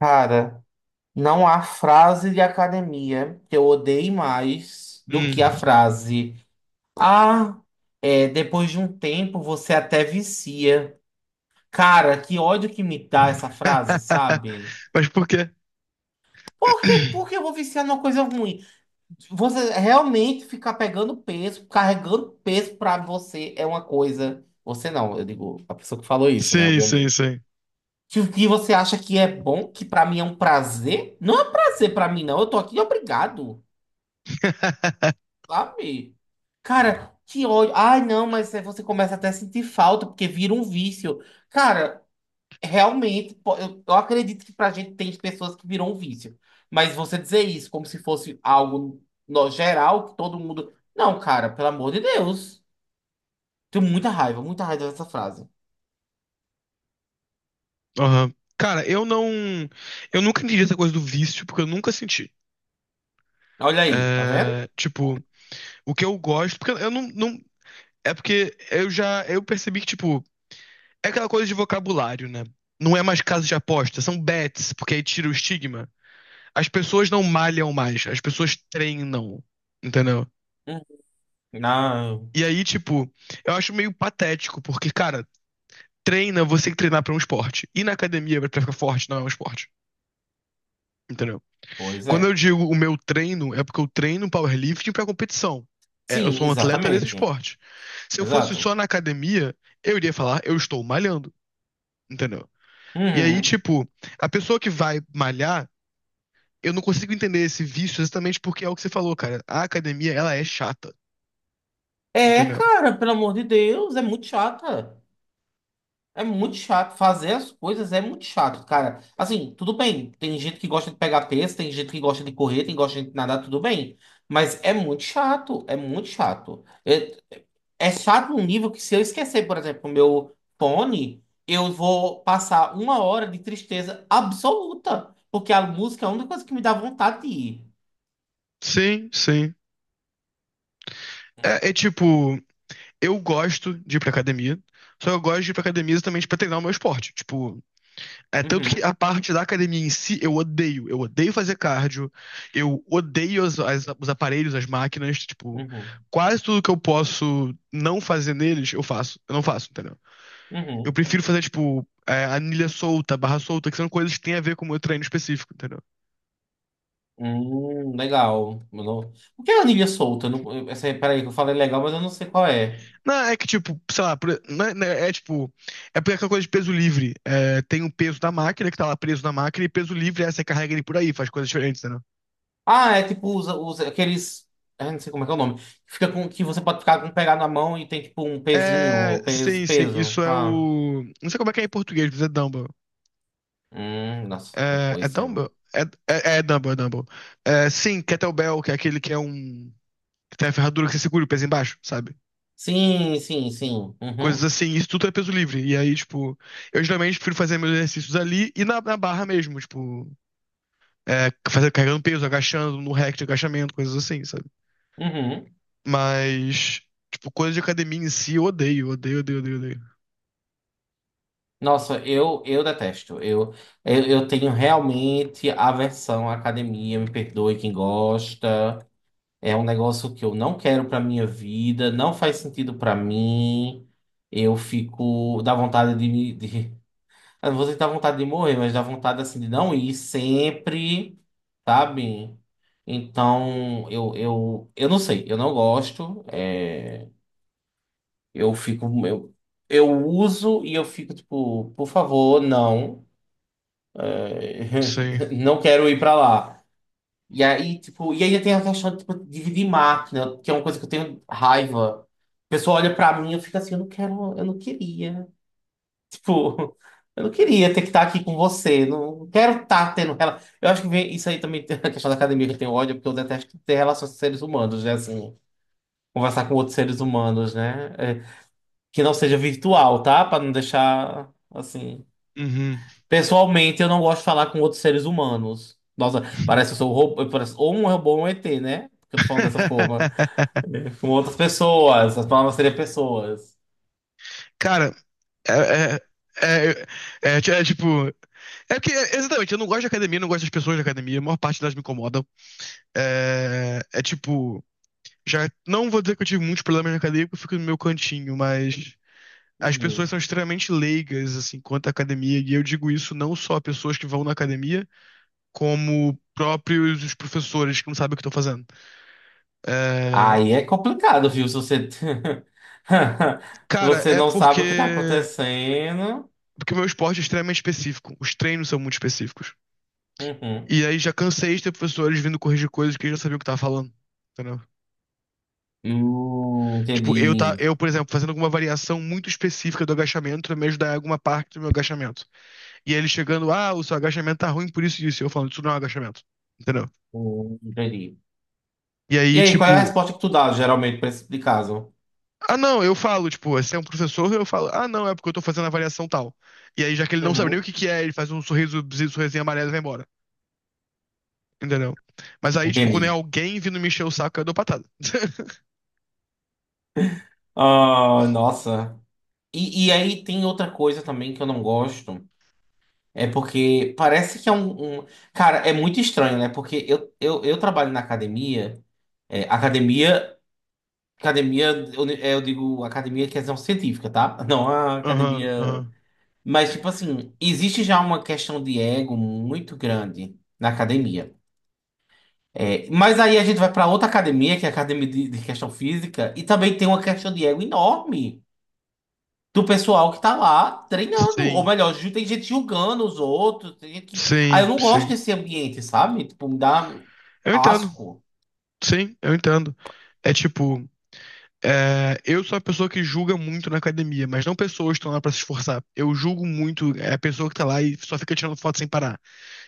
Cara, não há frase de academia que eu odeie mais do que a Hum. frase. Ah, é, depois de um tempo você até vicia. Cara, que ódio que me dá essa frase, sabe? Mas por quê? Por que eu vou viciar numa coisa ruim? Você realmente ficar pegando peso, carregando peso pra você é uma coisa. Você não, eu digo, a pessoa que falou isso, né, Sim, sim, obviamente. sim. Que você acha que é bom, que pra mim é um prazer? Não é um prazer pra mim, não. Eu tô aqui obrigado. Sabe? Cara, que ódio. Ai, não, mas aí você começa até a sentir falta, porque vira um vício. Cara, realmente, eu acredito que pra gente tem pessoas que viram um vício. Mas você dizer isso como se fosse algo no geral, que todo mundo. Não, cara, pelo amor de Deus. Tenho muita raiva dessa frase. Aham. Cara, eu não. Eu nunca entendi essa coisa do vício, porque eu nunca senti. Olha aí, tá vendo? É, tipo, o que eu gosto. Porque eu não, não. É porque eu já. Eu percebi que, tipo. É aquela coisa de vocabulário, né? Não é mais casa de aposta, são bets, porque aí tira o estigma. As pessoas não malham mais, as pessoas treinam, entendeu? Hum. Não. E aí, tipo, eu acho meio patético, porque, cara, treina, você tem que treinar pra um esporte. E na academia, pra ficar forte, não é um esporte. Entendeu? Pois Quando eu é. digo o meu treino, é porque eu treino powerlifting pra competição. É, eu Sim, sou um atleta desse exatamente. esporte. Se eu fosse Exato. só na academia, eu iria falar, eu estou malhando. Entendeu? E aí, Uhum. tipo, a pessoa que vai malhar, eu não consigo entender esse vício exatamente porque é o que você falou, cara. A academia, ela é chata. É, Entendeu? cara, pelo amor de Deus, é muito chata. É muito chato. Fazer as coisas é muito chato, cara. Assim, tudo bem. Tem gente que gosta de pegar peso, tem gente que gosta de correr, tem gosta de nadar, tudo bem. Mas é muito chato. É muito chato. É chato num nível que se eu esquecer, por exemplo, o meu fone, eu vou passar uma hora de tristeza absoluta. Porque a música é a única coisa que me dá vontade de ir. Sim, sim. É, é tipo, eu gosto de ir pra academia, só que eu gosto de ir pra academia exatamente pra treinar o meu esporte. Tipo, é tanto que Uhum, a parte da academia em si eu odeio. Eu odeio fazer cardio, eu odeio os aparelhos, as máquinas, tipo, uhum, quase tudo que eu posso não fazer neles, eu faço. Eu não faço, entendeu? Eu uhum. prefiro fazer, tipo, é, anilha solta, barra solta, que são coisas que têm a ver com o meu treino específico, entendeu? Legal. Eu não- O que é a anilha solta? Eu não- eu- essa- Peraí, que eu falei legal, mas eu não sei qual é. Não, é que, tipo, sei lá, não é, é, tipo, é porque é aquela coisa de peso livre. É, tem o peso da máquina que tá lá preso na máquina, e peso livre é você carrega ele por aí, faz coisas diferentes, Ah, é tipo usa aqueles. Eu não sei como é que é o nome. Que fica com, que você pode ficar com pegar na mão e tem tipo um pezinho, é, ou peso, sim, sim, peso, isso é tá? o. Não sei como é que é em português, mas é Dumble. Nossa, não É conhecia não. Dumble? É Dumble, é Dumble. É, sim, Kettlebell, que é aquele que é um que tem a ferradura que você segura o peso embaixo, sabe? Sim, sim, sim. Coisas Uhum, assim, isso tudo é peso livre. E aí, tipo, eu geralmente prefiro fazer meus exercícios ali e na barra mesmo, tipo, é, fazer, carregando peso, agachando, no rack de agachamento, coisas assim, sabe? uhum. Mas, tipo, coisa de academia em si, eu odeio, odeio, odeio, odeio, odeio. Nossa, eu detesto. Eu tenho realmente aversão à academia, me perdoe quem gosta. É um negócio que eu não quero pra minha vida, não faz sentido pra mim. Eu fico, dá vontade de eu não vou sentir vontade de morrer, mas dá vontade assim de não ir sempre, sabe? Então, eu não sei, eu não gosto. Eu fico. Eu uso e eu fico tipo, por favor, não. Sim. Não quero ir pra lá. E aí, tipo, e ainda tem a questão de tipo, dividir máquina, que é uma coisa que eu tenho raiva. A pessoa olha pra mim e eu fico assim, eu não quero, eu não queria. Tipo, eu não queria ter que estar aqui com você. Não quero estar tendo rela... Eu acho que isso aí também tem a questão da academia que eu tenho ódio, porque eu detesto ter relações com seres humanos, né? Assim, conversar com outros seres humanos, né? É, que não seja virtual, tá? Pra não deixar assim. Uhum. Pessoalmente, eu não gosto de falar com outros seres humanos. Nossa, parece que eu sou um robô, parece, ou um robô ou um ET, né? Porque eu tô falando dessa forma. Com outras pessoas, as palavras seriam pessoas. Cara, é, é, é, é, tipo. É porque, é, exatamente, eu não gosto de academia, não gosto das pessoas da academia, a maior parte delas me incomodam. É tipo. Já não vou dizer que eu tive muitos problemas na academia, porque eu fico no meu cantinho, mas as Uhum. pessoas são extremamente leigas, assim, quanto à academia, e eu digo isso não só a pessoas que vão na academia, como próprios os professores que não sabem o que estão fazendo. É, Aí é complicado, viu? Se você, cara, você é não sabe o que tá porque. acontecendo. Porque o meu esporte é extremamente específico, os treinos são muito específicos. Uhum. E aí já cansei de ter professores vindo corrigir coisas que eu já sabia o que tava falando. Entendeu? Tipo, eu, tá, Entendi. eu, por exemplo, fazendo alguma variação muito específica do agachamento pra me ajudar em alguma parte do meu agachamento. E ele chegando, ah, o seu agachamento tá ruim por isso e isso. E eu falando, isso não é um agachamento. Entendeu? Entendi. E E aí, aí, qual é a tipo, resposta que tu dá geralmente pra esse tipo de caso? ah, não, eu falo, tipo, se é um professor, eu falo, ah, não, é porque eu tô fazendo a variação tal. E aí, já que ele não sabe nem o Uhum. que que é, ele faz um sorriso, sorrisinho amarelo e vai embora. Entendeu? Mas aí, tipo, quando é Entendi. alguém vindo me encher o saco, eu dou patada. Ah, nossa. E aí tem outra coisa também que eu não gosto. É porque parece que é um- Cara, é muito estranho, né? Porque eu trabalho na academia. É, academia. Academia, eu digo academia questão científica, tá? Não a Aham, academia. aham. Mas, tipo assim, existe já uma questão de ego muito grande na academia. É, mas aí a gente vai pra outra academia, que é a academia de questão física, e também tem uma questão de ego enorme do pessoal que tá lá treinando. Ou Sim, melhor, ju- tem gente julgando os outros. Tem gente que... Ah, eu sim, não gosto sim. desse ambiente, sabe? Tipo, me dá Eu entendo. asco. Sim, eu entendo. É tipo, é, eu sou a pessoa que julga muito na academia, mas não pessoas que estão lá pra se esforçar. Eu julgo muito é, a pessoa que tá lá e só fica tirando foto sem parar.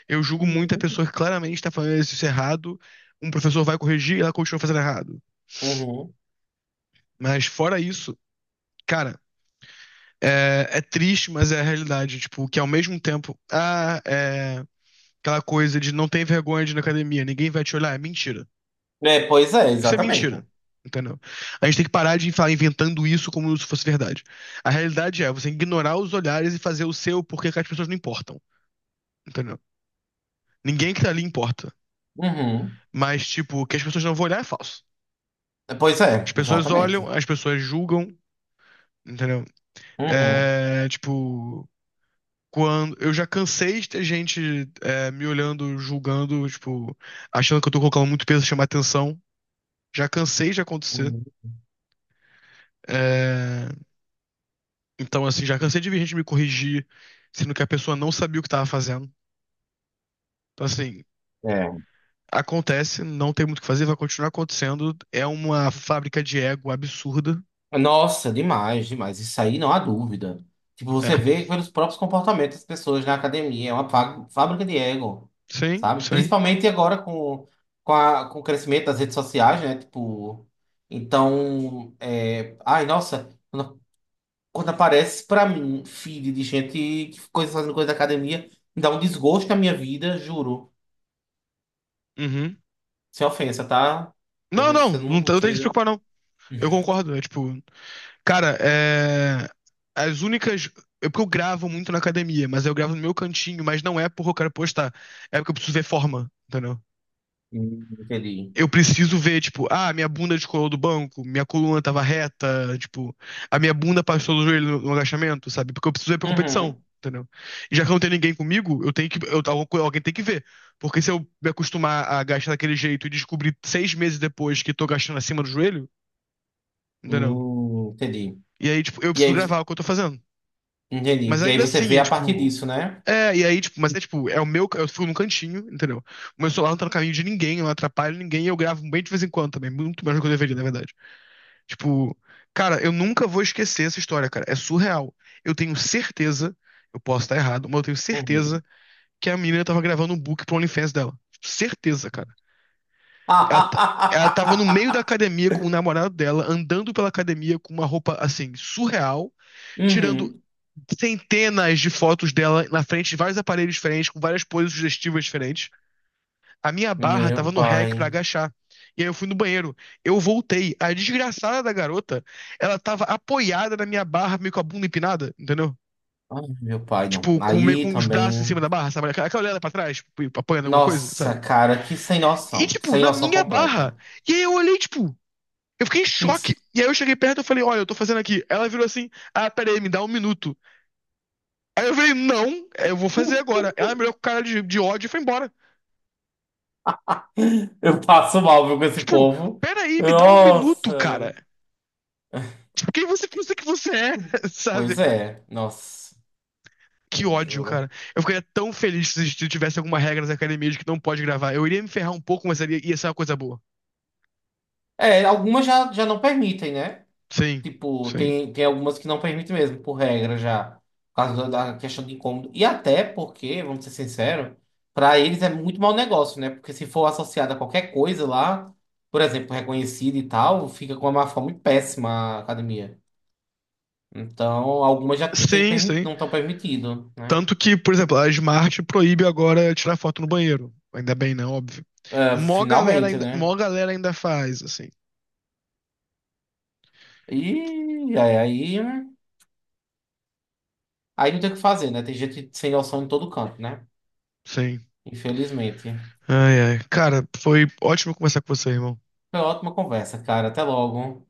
Eu julgo muito a pessoa que claramente tá fazendo isso errado, um professor vai corrigir e ela continua fazendo errado. Uhum. Mas fora isso, cara, é triste, mas é a realidade. Tipo, que ao mesmo tempo, ah, é, aquela coisa de não tem vergonha de ir na academia, ninguém vai te olhar, é mentira. É, pois é, Isso é exatamente. mentira. Entendeu? A gente tem que parar de falar inventando isso como se fosse verdade. A realidade é você ignorar os olhares e fazer o seu porque que as pessoas não importam. Entendeu? Ninguém que tá ali importa. Uhum. Mas, tipo, que as pessoas não vão olhar é falso. É, pois As é, pessoas exatamente. olham, as pessoas julgam, entendeu? Uhum, É, tipo, quando. Eu já cansei de ter gente é, me olhando, julgando, tipo, achando que eu tô colocando muito peso, chamar atenção. Já cansei de acontecer. uhum. É, então, assim, já cansei de ver gente me corrigir, sendo que a pessoa não sabia o que estava fazendo. Então, assim, É. acontece, não tem muito o que fazer, vai continuar acontecendo. É uma fábrica de ego absurda. Nossa, demais, demais. Isso aí não há dúvida. Tipo, É, você vê pelos próprios comportamentos das pessoas na academia. É uma fábrica de ego, sim, sabe? sim. Principalmente agora com, com o crescimento das redes sociais, né? Tipo, então, é... Ai, nossa, quando aparece pra mim feed de gente que coisa, fazendo coisa da academia, me dá um desgosto na minha vida, juro. Uhum. Sem ofensa, tá? Não, Talvez não, você não, não não tem que se seja... preocupar, não. Eu concordo. É tipo, cara, é. As únicas. Eu porque eu gravo muito na academia, mas eu gravo no meu cantinho, mas não é porque eu quero postar. É porque eu preciso ver forma, entendeu? Entendi. Eu preciso ver, tipo, ah, minha bunda descolou do banco, minha coluna tava reta, tipo, a minha bunda passou do joelho no agachamento, sabe? Porque eu preciso ver pra competição, Uhum. entendeu? E já que não tem ninguém comigo, eu tenho que, eu, alguém tem que ver. Porque se eu me acostumar a gastar daquele jeito e descobrir 6 meses depois que tô gastando acima do joelho, entendeu? Entendi. E aí, tipo, eu E preciso aí, gravar o que eu tô fazendo. entendi. Mas E aí ainda você assim, vê é a partir tipo. disso, né? É, e aí, tipo, mas é tipo, é o meu. Eu fico num cantinho, entendeu? O meu celular não tá no caminho de ninguém, eu não atrapalho ninguém, e eu gravo bem de vez em quando também. Muito mais do que eu deveria, na verdade. Tipo, cara, eu nunca vou esquecer essa história, cara. É surreal. Eu tenho certeza, eu posso estar errado, mas eu tenho Uhum. certeza que a menina tava gravando um book pro OnlyFans dela. Certeza, cara. Ela, ela tava no meio da academia com o namorado dela, andando pela academia com uma roupa, assim, surreal, tirando Uhum. centenas de fotos dela na frente de vários aparelhos diferentes, com várias poses sugestivas diferentes. A minha barra tava Meu no rack pra pai. agachar. E aí eu fui no banheiro. Eu voltei. A desgraçada da garota, ela tava apoiada na minha barra, meio com a bunda empinada, entendeu? Ai, meu pai, não. Tipo, com, meio Aí com os braços em cima também. da barra, sabe? Aquela olhada pra trás, tipo, apoiando alguma coisa, sabe? Nossa, cara, que sem E, noção. tipo, Sem na noção minha barra. completa. E aí eu olhei, tipo, eu fiquei em choque. E aí eu cheguei perto e falei, olha, eu tô fazendo aqui. Ela virou assim, ah, peraí, me dá um minuto. Aí eu falei, não, é, eu vou fazer agora. Ela me olhou com cara de ódio e foi embora. Eu passo mal, viu, com esse Tipo, povo. peraí, me dá um minuto, cara. Nossa. Tipo, quem você pensa que você é, sabe? Pois é. Nossa. Que Não, ódio, cara. juro. Eu ficaria tão feliz se tivesse alguma regra nas academias de que não pode gravar. Eu iria me ferrar um pouco, mas ia ser uma coisa boa. É, algumas já, já não permitem, né? Sim, Tipo, sim. tem, tem algumas que não permitem mesmo, por regra já. Por causa da da questão de incômodo. E até porque, vamos ser sinceros, para eles é muito mau negócio, né? Porque se for associado a qualquer coisa lá, por exemplo, reconhecida e tal, fica com uma má fama muito péssima a academia. Então, algumas já não tem, Sim, sim. não estão permitidas, né? Tanto que, por exemplo, a Smart proíbe agora tirar foto no banheiro. Ainda bem, né? Óbvio. É, Mó galera finalmente, ainda, né? mó galera ainda faz, assim. E aí, aí, aí não tem o que fazer, né? Tem gente sem noção em todo canto, né? Sim. Infelizmente. Ai, ai. Cara, foi ótimo conversar com você, irmão. Foi uma ótima conversa, cara. Até logo.